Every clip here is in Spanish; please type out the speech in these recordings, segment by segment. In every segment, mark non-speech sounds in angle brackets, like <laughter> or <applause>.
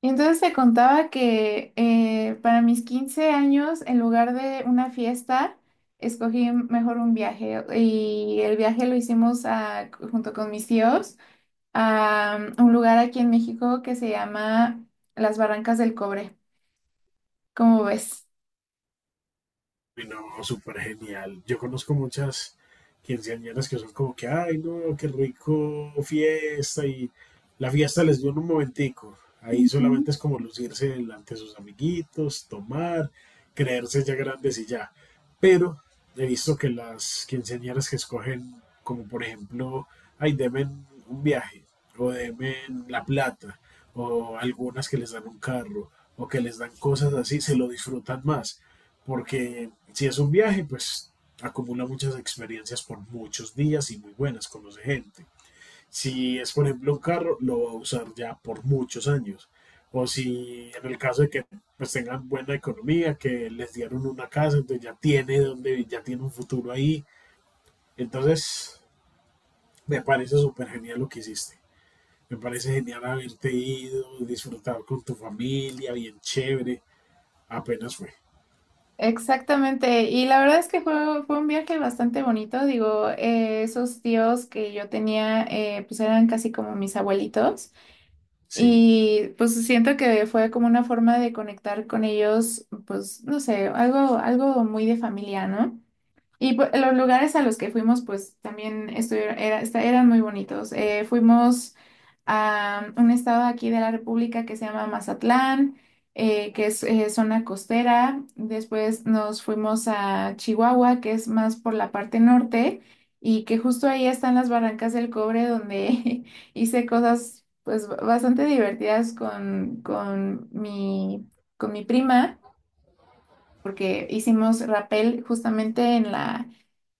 Y entonces te contaba que para mis 15 años, en lugar de una fiesta, escogí mejor un viaje. Y el viaje lo hicimos junto con mis tíos a un lugar aquí en México que se llama Las Barrancas del Cobre. ¿Cómo ves? No, súper genial. Yo conozco muchas quinceañeras que son como que, ay, no, qué rico fiesta y la fiesta les dio en un momentico. Ahí Ujú. solamente es como lucirse delante de sus amiguitos, tomar, creerse ya grandes y ya. Pero he visto que las quinceañeras que escogen, como por ejemplo, ay, deben un viaje o deben la plata o algunas que les dan un carro o que les dan cosas así, se lo disfrutan más porque si es un viaje, pues acumula muchas experiencias por muchos días y muy buenas, conoce gente. Si es, por ejemplo, un carro, lo va a usar ya por muchos años. O si en el caso de que pues tengan buena economía, que les dieron una casa, entonces ya tiene donde, ya tiene un futuro ahí. Entonces, me parece súper genial lo que hiciste. Me parece genial haberte ido, disfrutar con tu familia, bien chévere. Apenas fue. Exactamente, y la verdad es que fue un viaje bastante bonito, digo, esos tíos que yo tenía, pues eran casi como mis abuelitos. Sí, Y pues siento que fue como una forma de conectar con ellos, pues no sé, algo muy de familia, ¿no? Y pues, los lugares a los que fuimos, pues también estuvieron, eran muy bonitos. Fuimos a un estado aquí de la República que se llama Mazatlán, que es zona costera. Después nos fuimos a Chihuahua, que es más por la parte norte, y que justo ahí están las Barrancas del Cobre, donde <laughs> hice cosas pues bastante divertidas con mi prima porque hicimos rappel justamente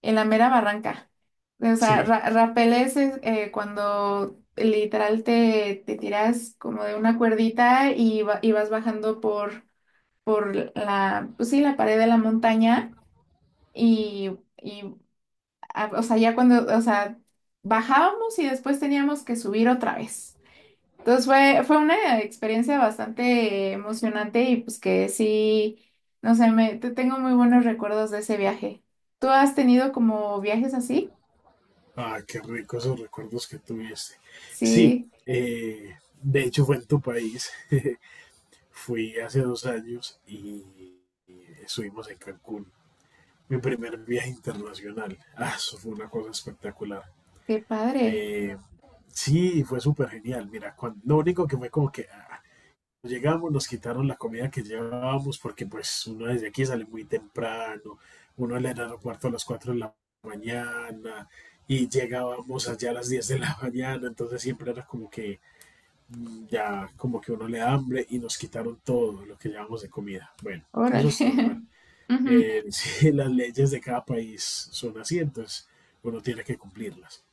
en la mera barranca. O sea, sí. Rappel es cuando literal te tiras como de una cuerdita y, y vas bajando por la, pues sí, la pared de la montaña y, y, ah, o sea, ya cuando, o sea, bajábamos y después teníamos que subir otra vez. Entonces fue una experiencia bastante emocionante y pues que sí, no sé, me, tengo muy buenos recuerdos de ese viaje. ¿Tú has tenido como viajes así? Ah, qué rico esos recuerdos que tuviste. Sí, Sí, eh, de hecho fue en tu país. <laughs> Fui hace dos años y estuvimos en Cancún. Mi primer viaje internacional. Ah, eso fue una cosa espectacular. qué padre. Eh, sí, fue súper genial. Mira, cuando, lo único que fue como que llegamos, nos quitaron la comida que llevábamos porque pues uno desde aquí sale muy temprano, uno al aeropuerto a las 4 de la mañana y llegábamos allá a las 10 de la <laughs> mañana, entonces siempre era como que ya como que uno le da hambre y nos quitaron todo lo que llevábamos de comida. Bueno, Órale. eso es normal. <laughs> Ujú. <laughs> Sí, las leyes de cada país son así, entonces uno tiene que cumplirlas.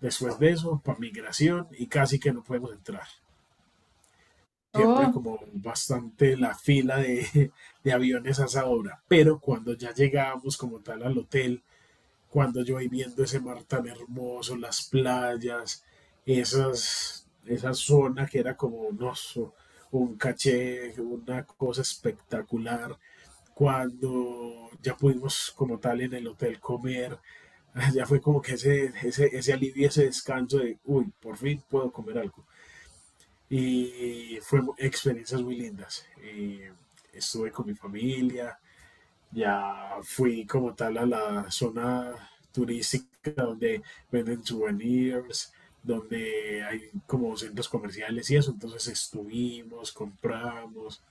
Después de eso, para migración y casi que no podemos entrar, siempre Oh. como bastante la fila de, <laughs> de aviones a esa hora. Pero cuando ya llegábamos como tal al hotel, cuando yo voy viendo ese mar tan hermoso, las playas, esas, esa zona que era como un oso, un caché, una cosa espectacular. Cuando ya pudimos como tal en el hotel comer, <laughs> ya fue como que ese alivio, ese descanso de, uy, por fin puedo comer algo y fue experiencias muy lindas. Estuve con mi familia, ya fui como tal a la zona turística donde venden souvenirs, donde hay como centros comerciales y eso, entonces estuvimos, compramos,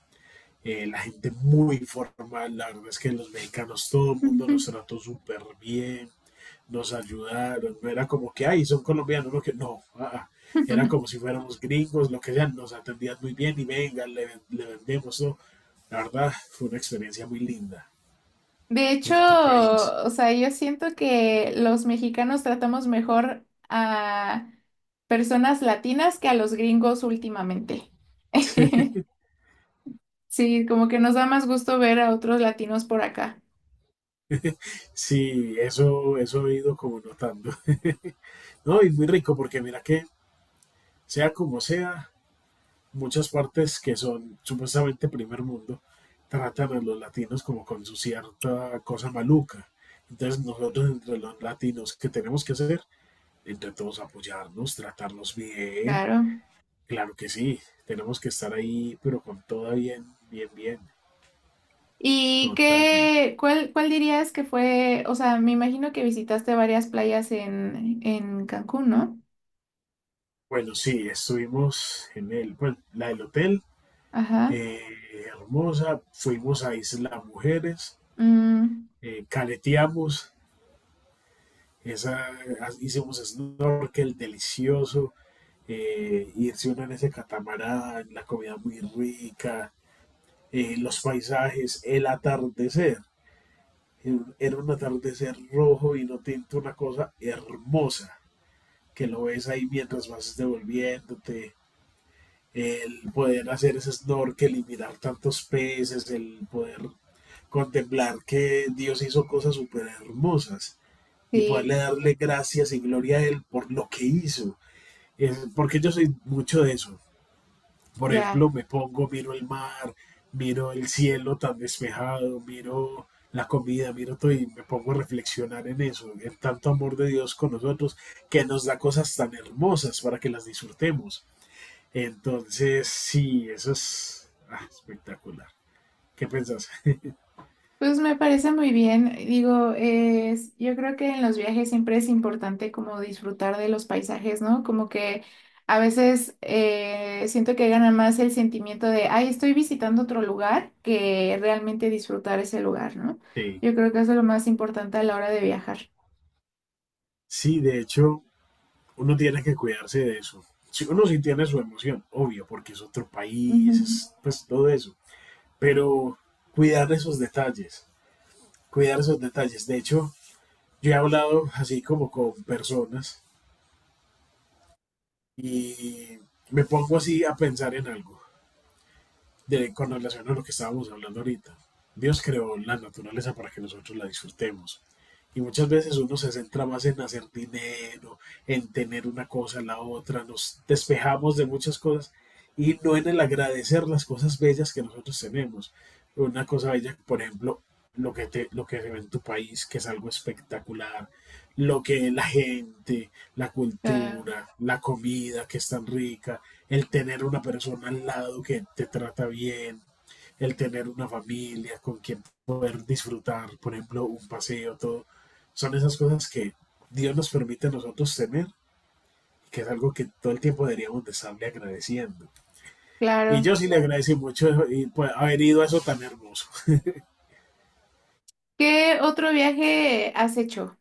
la gente muy formal, la verdad es que los mexicanos, todo el mundo nos <laughs> trató súper bien, nos ayudaron, no era como que, ay, son colombianos, no, que no, Era como si fuéramos gringos, lo que sea, nos atendían muy bien y venga, le vendemos, ¿no? La verdad, fue una experiencia muy linda De hecho, en tu país. o sea, yo siento que los mexicanos tratamos mejor a personas latinas que a los gringos últimamente. <laughs> <laughs> Sí, como que nos da más gusto ver a otros latinos por acá. Sí, eso he ido como notando. <laughs> No, y muy rico porque mira que, sea como sea, muchas partes que son supuestamente primer mundo tratan a los latinos como con su cierta cosa maluca. Entonces nosotros entre los latinos, ¿qué tenemos que hacer? Entre todos apoyarnos, tratarnos bien. Claro. Claro que sí, tenemos que estar ahí, pero con toda bien, bien, bien, ¿Y totalmente. qué, cuál, cuál dirías que fue, o sea, me imagino que visitaste varias playas en Cancún, ¿no? Bueno, sí, estuvimos en el, bueno, la del hotel, Ajá. Hermosa, fuimos a Isla Mujeres, Mm, caleteamos, esa, hicimos snorkel delicioso, irse uno en ese catamarán, la comida muy rica, los paisajes, el atardecer. Era un atardecer rojo vino tinto, una cosa hermosa que lo ves ahí mientras vas devolviéndote, el poder hacer ese snorkel y mirar tantos peces, el poder contemplar que Dios hizo cosas súper hermosas y sí, poderle darle gracias y gloria a Él por lo que hizo. Es porque yo soy mucho de eso. Por ya. ejemplo, me pongo, miro el mar, miro el cielo tan despejado, miro la comida, miro todo y me pongo a reflexionar en eso, en tanto amor de Dios con nosotros, que nos da cosas tan hermosas para que las disfrutemos. Entonces, sí, eso es espectacular. ¿Qué pensás? <laughs> Pues me parece muy bien. Digo, es, yo creo que en los viajes siempre es importante como disfrutar de los paisajes, ¿no? Como que a veces siento que gana más el sentimiento de, ay, estoy visitando otro lugar que realmente disfrutar ese lugar, ¿no? Sí. Yo creo que eso es lo más importante a la hora de viajar. Sí, de hecho, uno tiene que cuidarse de eso. Si uno sí tiene su emoción, obvio, porque es otro Ujú. país, es pues todo eso. Pero cuidar esos detalles, cuidar esos detalles. De hecho, yo he hablado así como con personas y me pongo así a pensar en algo, de, con relación a lo que estábamos hablando ahorita. Dios creó la naturaleza para que nosotros la disfrutemos. Y muchas veces uno se centra más en hacer dinero, en tener una cosa, la otra, nos despejamos de muchas cosas y no en el agradecer las cosas bellas que nosotros tenemos. Una cosa bella, por ejemplo, lo que, te, lo que se ve en tu país, que es algo espectacular, lo que la gente, la Ah, cultura, la comida que es tan rica, el tener una persona al lado que te trata bien, el tener una familia con quien poder disfrutar, por ejemplo, un paseo, todo. Son esas cosas que Dios nos permite a nosotros tener, que es algo que todo el tiempo deberíamos de estarle agradeciendo. Y claro. yo sí le agradecí mucho y, pues, haber ido a eso tan hermoso. ¿Qué otro viaje has hecho?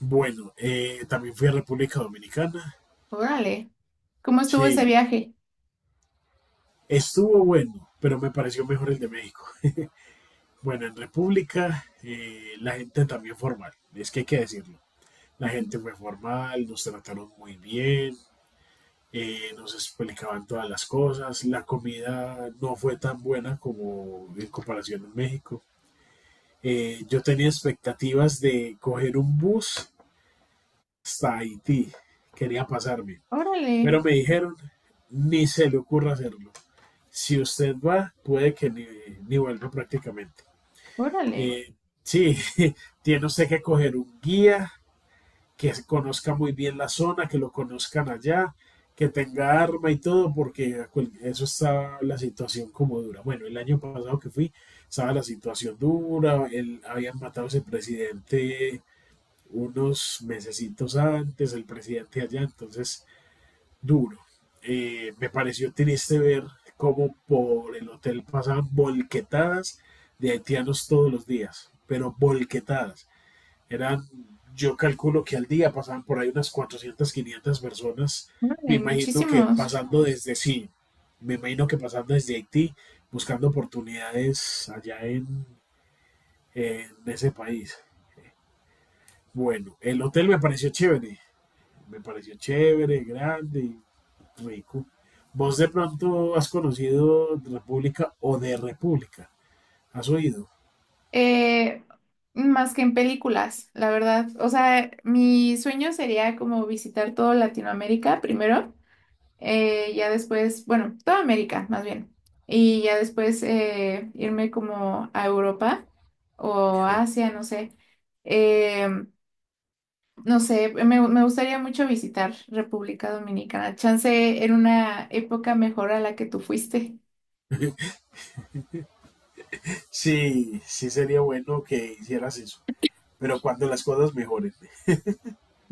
Bueno, también fui a República Dominicana. Órale. ¿Cómo estuvo Sí, ese viaje? estuvo bueno, pero me pareció mejor el de México. Bueno, en República la gente también formal, es que hay que decirlo. La gente fue formal, nos trataron muy bien, nos explicaban todas las cosas, la comida no fue tan buena como en comparación en México. Yo tenía expectativas de coger un bus hasta Haití, quería pasarme, Órale, pero me dijeron, ni se le ocurra hacerlo. Si usted va, puede que ni vuelva prácticamente. órale, Eh, sí, <laughs> tiene usted que coger un guía que conozca muy bien la zona, que lo conozcan allá, que tenga arma y todo, porque a cual- eso está la situación como dura. Bueno, el año pasado que fui, estaba la situación dura, el- habían matado a ese presidente unos mesecitos antes, el presidente allá, entonces duro. Me pareció triste ver cómo por el hotel pasaban volquetadas de haitianos todos los días, pero volquetadas. Eran, yo calculo que al día pasaban por ahí unas 400, 500 personas. Me órale, imagino que muchísimos. pasando desde sí, me imagino que pasando desde Haití, buscando oportunidades allá en ese país. Bueno, el hotel me pareció chévere, grande, rico. ¿Vos de pronto has conocido República o de República? ¿Has oído? Eh, más que en películas, la verdad. O sea, mi sueño sería como visitar todo Latinoamérica primero, ya después, bueno, toda América más bien, y ya después irme como a Europa o Creo. Asia, no sé. Em, No sé, me gustaría mucho visitar República Dominicana. Chance en una época mejor a la que tú fuiste. <laughs> Sí, sí sería bueno que hicieras eso. Pero cuando las cosas mejoren,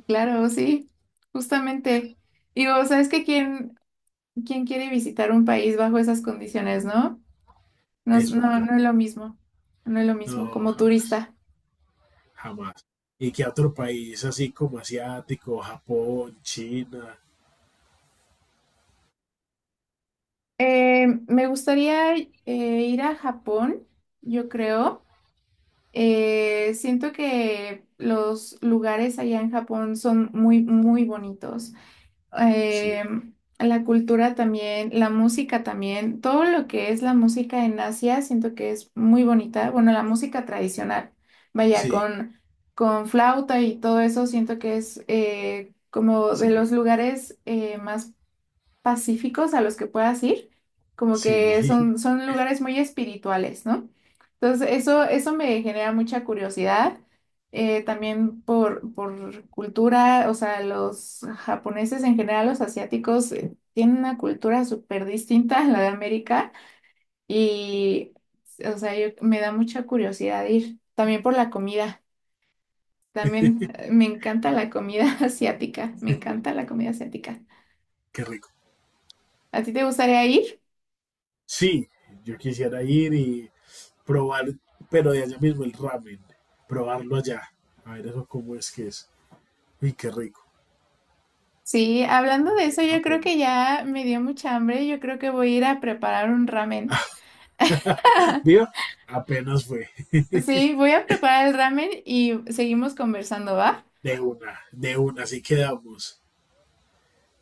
Claro, sí, justamente. Digo, ¿sabes que quién, quién quiere visitar un país bajo esas condiciones, no? No, es no, verdad. no es lo mismo. No es lo mismo, No, como jamás, turista. jamás. Y que a otro país así como asiático, Japón, China. Me gustaría ir a Japón, yo creo. Siento que los lugares allá en Japón son muy, muy bonitos. Sí, eh, la cultura también, la música también, todo lo que es la música en Asia, siento que es muy bonita. Bueno, la música tradicional, vaya, sí, con flauta y todo eso, siento que es como de sí, los lugares más pacíficos a los que puedas ir, como sí, que <laughs> son, son lugares muy espirituales, ¿no? Entonces, eso me genera mucha curiosidad, también por cultura, o sea, los japoneses en general, los asiáticos, tienen una cultura súper distinta a la de América y, o sea, me da mucha curiosidad ir, también por la comida. También me encanta la comida <laughs> asiática, me encanta la comida asiática. qué rico. ¿A ti te gustaría ir? Sí, yo quisiera ir y probar, pero de allá mismo el ramen, probarlo allá. A ver eso cómo es que es. Uy, qué rico. Sí, hablando de Allá en eso, yo creo Japón. que ya me dio mucha hambre. Yo creo que voy a ir a preparar un ramen. Viva, apenas fue Sí, voy a preparar el ramen y seguimos conversando, ¿va? De una, así quedamos.